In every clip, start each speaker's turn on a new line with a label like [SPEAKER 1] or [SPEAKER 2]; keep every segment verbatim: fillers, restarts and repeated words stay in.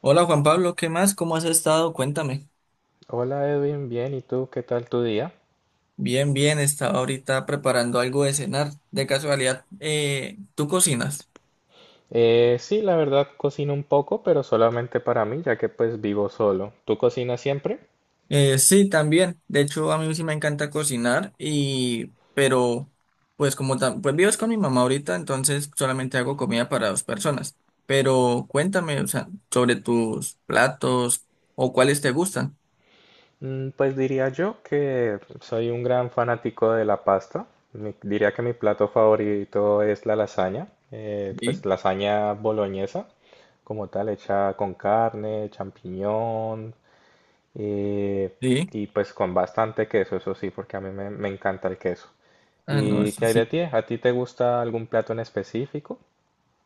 [SPEAKER 1] Hola Juan Pablo, ¿qué más? ¿Cómo has estado? Cuéntame.
[SPEAKER 2] Hola Edwin, bien, ¿y tú qué tal tu día?
[SPEAKER 1] Bien, bien, estaba ahorita preparando algo de cenar. De casualidad, eh, ¿tú cocinas?
[SPEAKER 2] Eh, sí, la verdad cocino un poco, pero solamente para mí, ya que pues vivo solo. ¿Tú cocinas siempre?
[SPEAKER 1] Eh, sí, también. De hecho, a mí sí me encanta cocinar y, pero, pues como tam- pues vives con mi mamá ahorita, entonces solamente hago comida para dos personas. Pero cuéntame, o sea, sobre tus platos o cuáles te gustan.
[SPEAKER 2] Mm, pues diría yo que soy un gran fanático de la pasta. Mi- diría que mi plato favorito es la lasaña, eh,
[SPEAKER 1] Sí,
[SPEAKER 2] pues lasaña boloñesa, como tal, hecha con carne, champiñón, Eh,
[SPEAKER 1] sí.
[SPEAKER 2] y pues con bastante queso, eso sí, porque a mí me, me encanta el queso.
[SPEAKER 1] Ah, no,
[SPEAKER 2] ¿Y
[SPEAKER 1] eso
[SPEAKER 2] qué hay de
[SPEAKER 1] sí.
[SPEAKER 2] ti? ¿A ti te gusta algún plato en específico?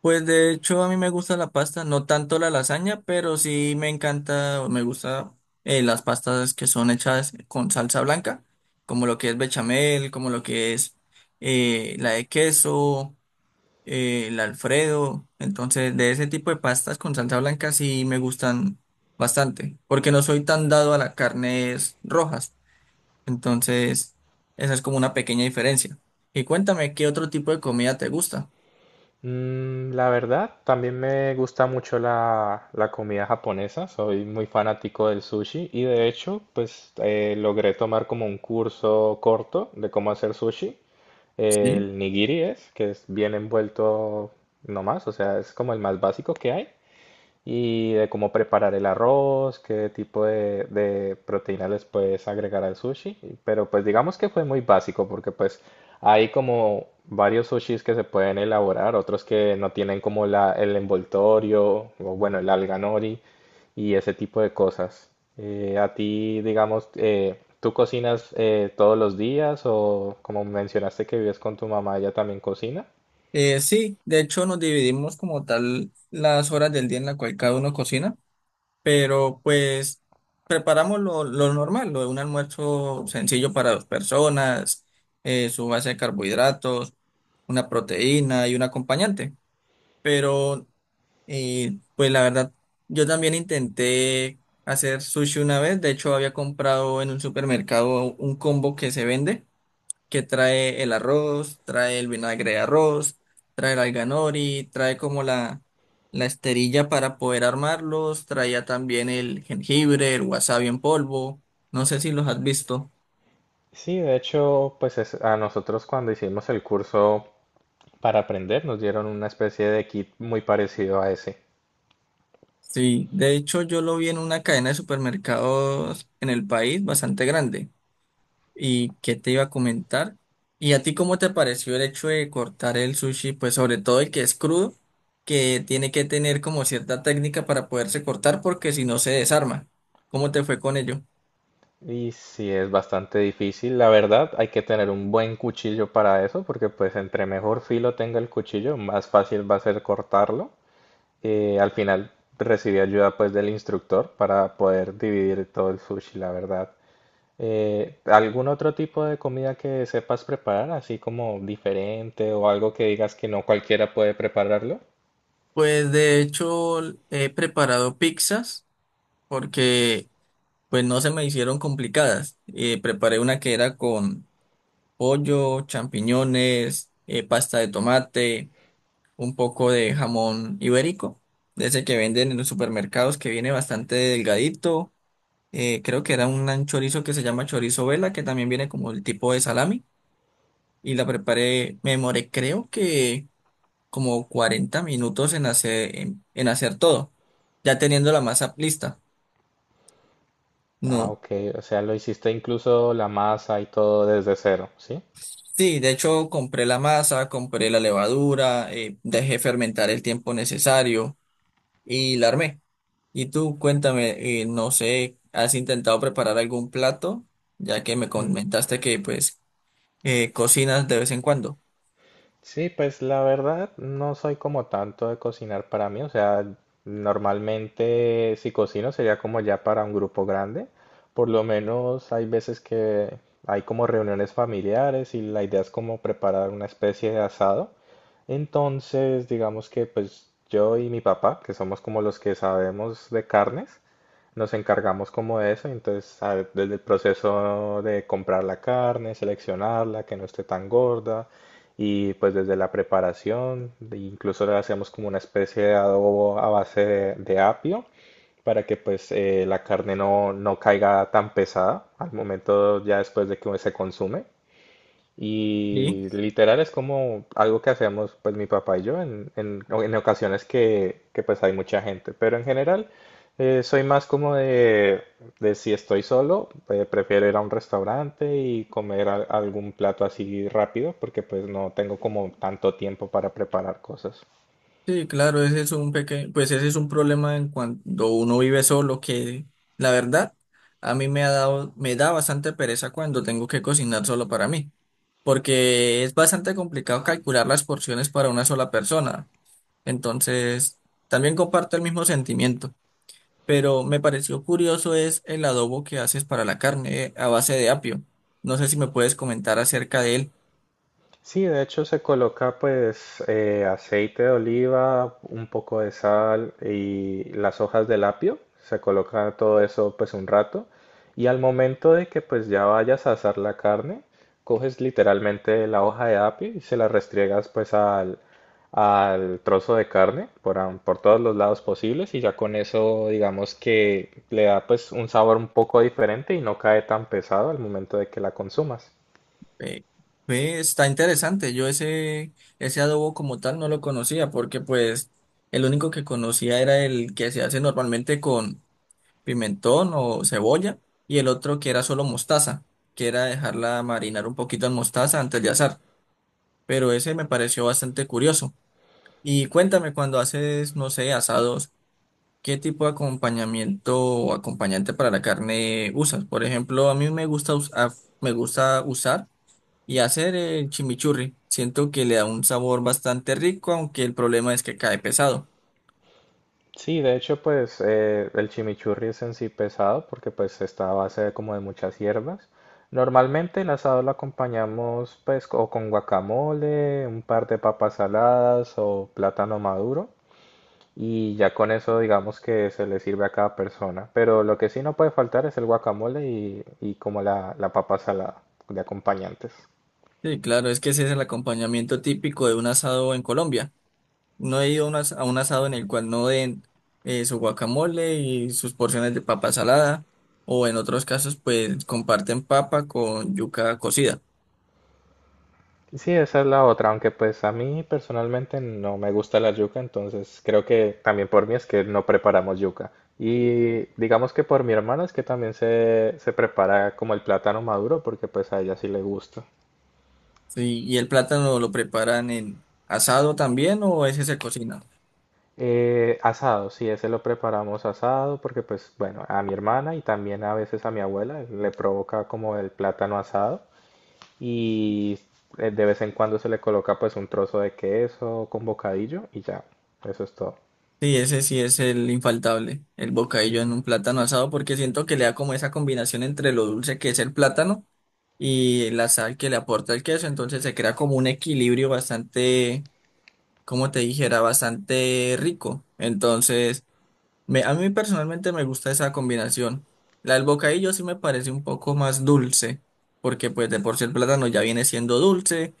[SPEAKER 1] Pues de hecho a mí me gusta la pasta, no tanto la lasaña, pero sí me encanta o me gusta eh, las pastas que son hechas con salsa blanca, como lo que es bechamel, como lo que es eh, la de queso, eh, el Alfredo. Entonces de ese tipo de pastas con salsa blanca sí me gustan bastante, porque no soy tan dado a las carnes rojas. Entonces esa es como una pequeña diferencia. Y cuéntame, ¿qué otro tipo de comida te gusta?
[SPEAKER 2] Mm, la verdad, también me gusta mucho la, la comida japonesa, soy muy fanático del sushi y de hecho, pues eh, logré tomar como un curso corto de cómo hacer sushi. El nigiri es, que es bien envuelto nomás, o sea, es como el más básico que hay. Y de cómo preparar el arroz, qué tipo de, de proteína les puedes agregar al sushi. y- Pero pues digamos que fue muy básico porque pues hay como varios sushis que se pueden elaborar, otros que no tienen como la, el envoltorio o bueno, el alga nori y ese tipo de cosas. Eh, a ti, digamos, eh, ¿tú cocinas eh, todos los días o como mencionaste que vives con tu mamá, ella también cocina?
[SPEAKER 1] Eh, sí, de hecho nos dividimos como tal las horas del día en la cual cada uno cocina, pero pues preparamos lo, lo normal, lo de un almuerzo sencillo para dos personas, eh, su base de carbohidratos, una proteína y un acompañante. Pero eh, pues la verdad, yo también intenté hacer sushi una vez, de hecho había comprado en un supermercado un combo que se vende que trae el arroz, trae el vinagre de arroz, trae el alga nori, trae como la, la esterilla para poder armarlos, traía también el jengibre, el wasabi en polvo, no sé si los has visto.
[SPEAKER 2] Sí, de hecho, pues es- a nosotros cuando hicimos el curso para aprender nos dieron una especie de kit muy parecido a ese.
[SPEAKER 1] Sí, de hecho yo lo vi en una cadena de supermercados en el país bastante grande. Y qué te iba a comentar. ¿Y a ti cómo te pareció el hecho de cortar el sushi? Pues sobre todo el que es crudo, que tiene que tener como cierta técnica para poderse cortar porque si no se desarma. ¿Cómo te fue con ello?
[SPEAKER 2] Y sí, es bastante difícil. La verdad, hay que tener un buen cuchillo para eso, porque pues entre mejor filo tenga el cuchillo, más fácil va a ser cortarlo. Eh, al final recibí ayuda pues del instructor para poder dividir todo el sushi, la verdad. Eh, ¿algún otro tipo de comida que sepas preparar, así como diferente o algo que digas que no cualquiera puede prepararlo?
[SPEAKER 1] Pues de hecho he preparado pizzas porque pues no se me hicieron complicadas. Eh, preparé una que era con pollo, champiñones, eh, pasta de tomate, un poco de jamón ibérico, de ese que venden en los supermercados, que viene bastante delgadito. eh, creo que era un chorizo que se llama chorizo vela, que también viene como el tipo de salami. Y la preparé, me demoré creo que como cuarenta minutos en hacer, en, en hacer todo, ya teniendo la masa lista.
[SPEAKER 2] Ah,
[SPEAKER 1] No,
[SPEAKER 2] ok. O sea, lo hiciste incluso la masa y todo desde cero, ¿sí?
[SPEAKER 1] sí, de hecho compré la masa, compré la levadura, eh, dejé fermentar el tiempo necesario y la armé. Y tú, cuéntame, eh, no sé, ¿has intentado preparar algún plato? Ya que me
[SPEAKER 2] Mm.
[SPEAKER 1] comentaste que pues eh, cocinas de vez en cuando.
[SPEAKER 2] Sí, pues la verdad no soy como tanto de cocinar para mí, o sea, normalmente si cocino sería como ya para un grupo grande, por lo menos hay veces que hay como reuniones familiares y la idea es como preparar una especie de asado, entonces digamos que pues yo y mi papá, que somos como los que sabemos de carnes, nos encargamos como de eso, entonces a- desde el proceso de comprar la carne, seleccionarla, que no esté tan gorda, y pues desde la preparación, de- incluso le hacemos como una especie de adobo a base de, de apio para que pues eh, la carne no, no caiga tan pesada al momento ya después de que se consume.
[SPEAKER 1] Sí.
[SPEAKER 2] Y literal es como algo que hacemos pues mi papá y yo en, en- en ocasiones que, que, pues hay mucha gente. Pero en general eh, soy más como de, de si estoy solo, eh, prefiero ir a un restaurante y comer al- algún plato así rápido porque pues no tengo como tanto tiempo para preparar cosas.
[SPEAKER 1] Sí, claro, ese es un pequeño, pues ese es un problema en cuando uno vive solo, que la verdad, a mí me ha dado, me da bastante pereza cuando tengo que cocinar solo para mí, porque es bastante complicado calcular las porciones para una sola persona. Entonces, también comparto el mismo sentimiento. Pero me pareció curioso es el adobo que haces para la carne eh, a base de apio. No sé si me puedes comentar acerca de él.
[SPEAKER 2] Sí, de hecho se coloca pues eh, aceite de oliva, un poco de sal y las hojas del apio. Se coloca todo eso pues un rato. Y al momento de que pues ya vayas a asar la carne, coges literalmente la hoja de apio y se la restriegas pues al, al trozo de carne por, am- por todos los lados posibles y ya con eso digamos que le da pues un sabor un poco diferente y no cae tan pesado al momento de que la consumas.
[SPEAKER 1] Eh, ve, está interesante. Yo ese, ese adobo como tal no lo conocía porque pues el único que conocía era el que se hace normalmente con pimentón o cebolla y el otro que era solo mostaza, que era dejarla marinar un poquito en mostaza antes de asar. Pero ese me pareció bastante curioso. Y cuéntame cuando haces, no sé, asados. ¿Qué tipo de acompañamiento o acompañante para la carne usas? Por ejemplo, a mí me gusta, us- a- me gusta usar y hacer el chimichurri. Siento que le da un sabor bastante rico, aunque el problema es que cae pesado.
[SPEAKER 2] Sí, de hecho, pues eh, el chimichurri es en sí pesado porque pues está a base de como de muchas hierbas. Normalmente el asado lo acompañamos pues o con guacamole, un par de papas saladas o plátano maduro y ya con eso digamos que se le sirve a cada persona. Pero lo que sí no puede faltar es el guacamole y, y como la, la papa salada de acompañantes.
[SPEAKER 1] Sí, claro, es que ese es el acompañamiento típico de un asado en Colombia. No he ido a un, as- a un asado en el cual no den eh, su guacamole y sus porciones de papa salada, o en otros casos, pues comparten papa con yuca cocida.
[SPEAKER 2] Sí, esa es la otra, aunque pues a mí personalmente no me gusta la yuca, entonces creo que también por mí es que no preparamos yuca. Y digamos que por mi hermana es que también se, se prepara como el plátano maduro, porque pues a ella sí le gusta.
[SPEAKER 1] Sí, ¿y el plátano lo preparan en asado también o ese se cocina?
[SPEAKER 2] Eh, asado, sí, ese lo preparamos asado, porque pues bueno, a mi hermana y también a veces a mi abuela le provoca como el plátano asado y eh, de vez en cuando se le coloca pues un trozo de queso con bocadillo y ya, eso es todo.
[SPEAKER 1] Sí, ese sí es el infaltable, el bocadillo en un plátano asado, porque siento que le da como esa combinación entre lo dulce que es el plátano y la sal que le aporta el queso, entonces se crea como un equilibrio bastante, como te dijera, bastante rico. Entonces, me, a mí personalmente me gusta esa combinación. La del bocadillo sí me parece un poco más dulce, porque pues de por sí el plátano ya viene siendo dulce.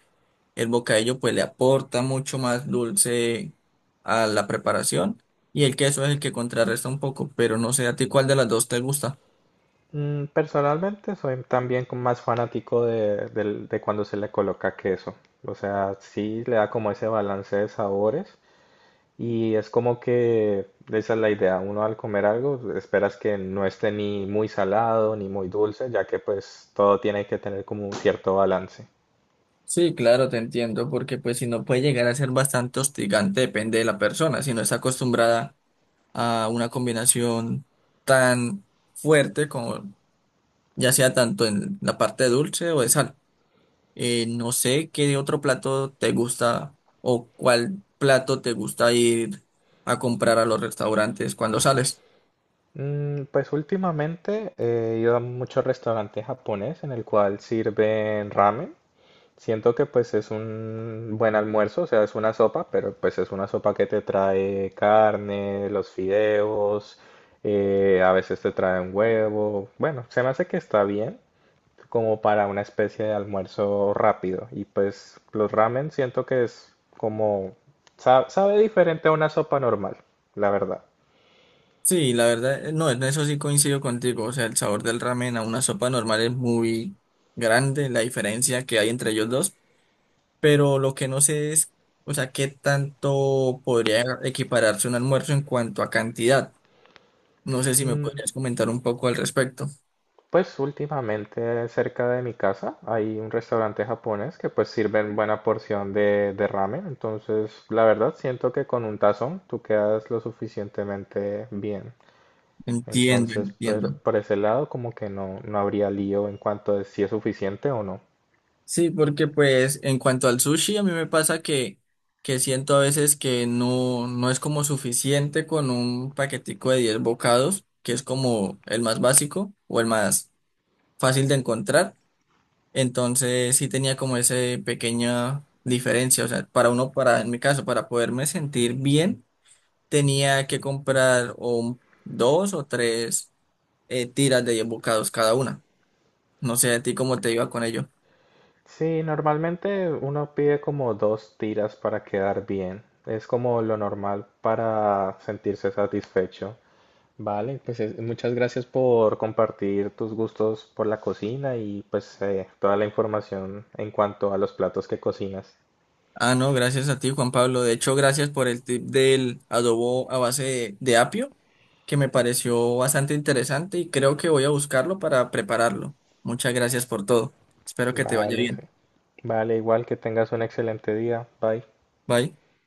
[SPEAKER 1] El bocadillo pues le aporta mucho más dulce a la preparación y el queso es el que contrarresta un poco, pero no sé a ti cuál de las dos te gusta.
[SPEAKER 2] Mm, personalmente soy también como más fanático de, del- de cuando se le coloca queso. O sea, sí le da como ese balance de sabores y es como que esa es la idea. Uno al comer algo esperas que no esté ni muy salado ni muy dulce, ya que pues todo tiene que tener como un cierto balance.
[SPEAKER 1] Sí, claro, te entiendo, porque pues si no puede llegar a ser bastante hostigante, depende de la persona, si no está acostumbrada a una combinación tan fuerte como ya sea tanto en la parte dulce o de sal. Eh, no sé qué otro plato te gusta o cuál plato te gusta ir a comprar a los restaurantes cuando sales.
[SPEAKER 2] Mm, pues últimamente he ido a muchos restaurantes japonés en el cual sirven ramen. Siento que pues es un buen almuerzo, o sea, es una sopa, pero pues es una sopa que te trae carne, los fideos, eh, a veces te trae un huevo. Bueno, se me hace que está bien como para una especie de almuerzo rápido. Y pues los ramen siento que es como, sa- sabe diferente a una sopa normal, la verdad.
[SPEAKER 1] Sí, la verdad, eh, no, en eso sí coincido contigo. O sea, el sabor del ramen a una sopa normal es muy grande, la diferencia que hay entre ellos dos. Pero lo que no sé es, o sea, qué tanto podría equipararse un almuerzo en cuanto a cantidad. No sé si me podrías comentar un poco al respecto.
[SPEAKER 2] Pues últimamente cerca de mi casa hay un restaurante japonés que pues sirven buena porción de, de ramen, entonces la verdad siento que con un tazón tú quedas lo suficientemente bien.
[SPEAKER 1] Entiendo,
[SPEAKER 2] Entonces pero
[SPEAKER 1] entiendo.
[SPEAKER 2] por ese lado como que no, no habría lío en cuanto a si es suficiente o no.
[SPEAKER 1] Sí, porque pues en cuanto al sushi, a mí me pasa que, que siento a veces que no, no es como suficiente con un paquetico de diez bocados, que es como el más básico o el más fácil de encontrar. Entonces sí tenía como esa pequeña diferencia. O sea, para uno, para, en mi caso, para poderme sentir bien, tenía que comprar o un- dos o tres eh, tiras de diez bocados cada una. No sé a ti cómo te iba con ello.
[SPEAKER 2] Sí, normalmente uno pide como dos tiras para quedar bien, es como lo normal para sentirse satisfecho. Vale, pues es- muchas gracias por compartir tus gustos por la cocina y pues eh, toda la información en cuanto a los platos que cocinas.
[SPEAKER 1] Ah, no, gracias a ti, Juan Pablo. De hecho, gracias por el tip del adobo a base de, de apio, que me pareció bastante interesante y creo que voy a buscarlo para prepararlo. Muchas gracias por todo. Espero que te vaya
[SPEAKER 2] Vale, sí.
[SPEAKER 1] bien.
[SPEAKER 2] Vale, igual que tengas un excelente día. Bye.
[SPEAKER 1] Bye.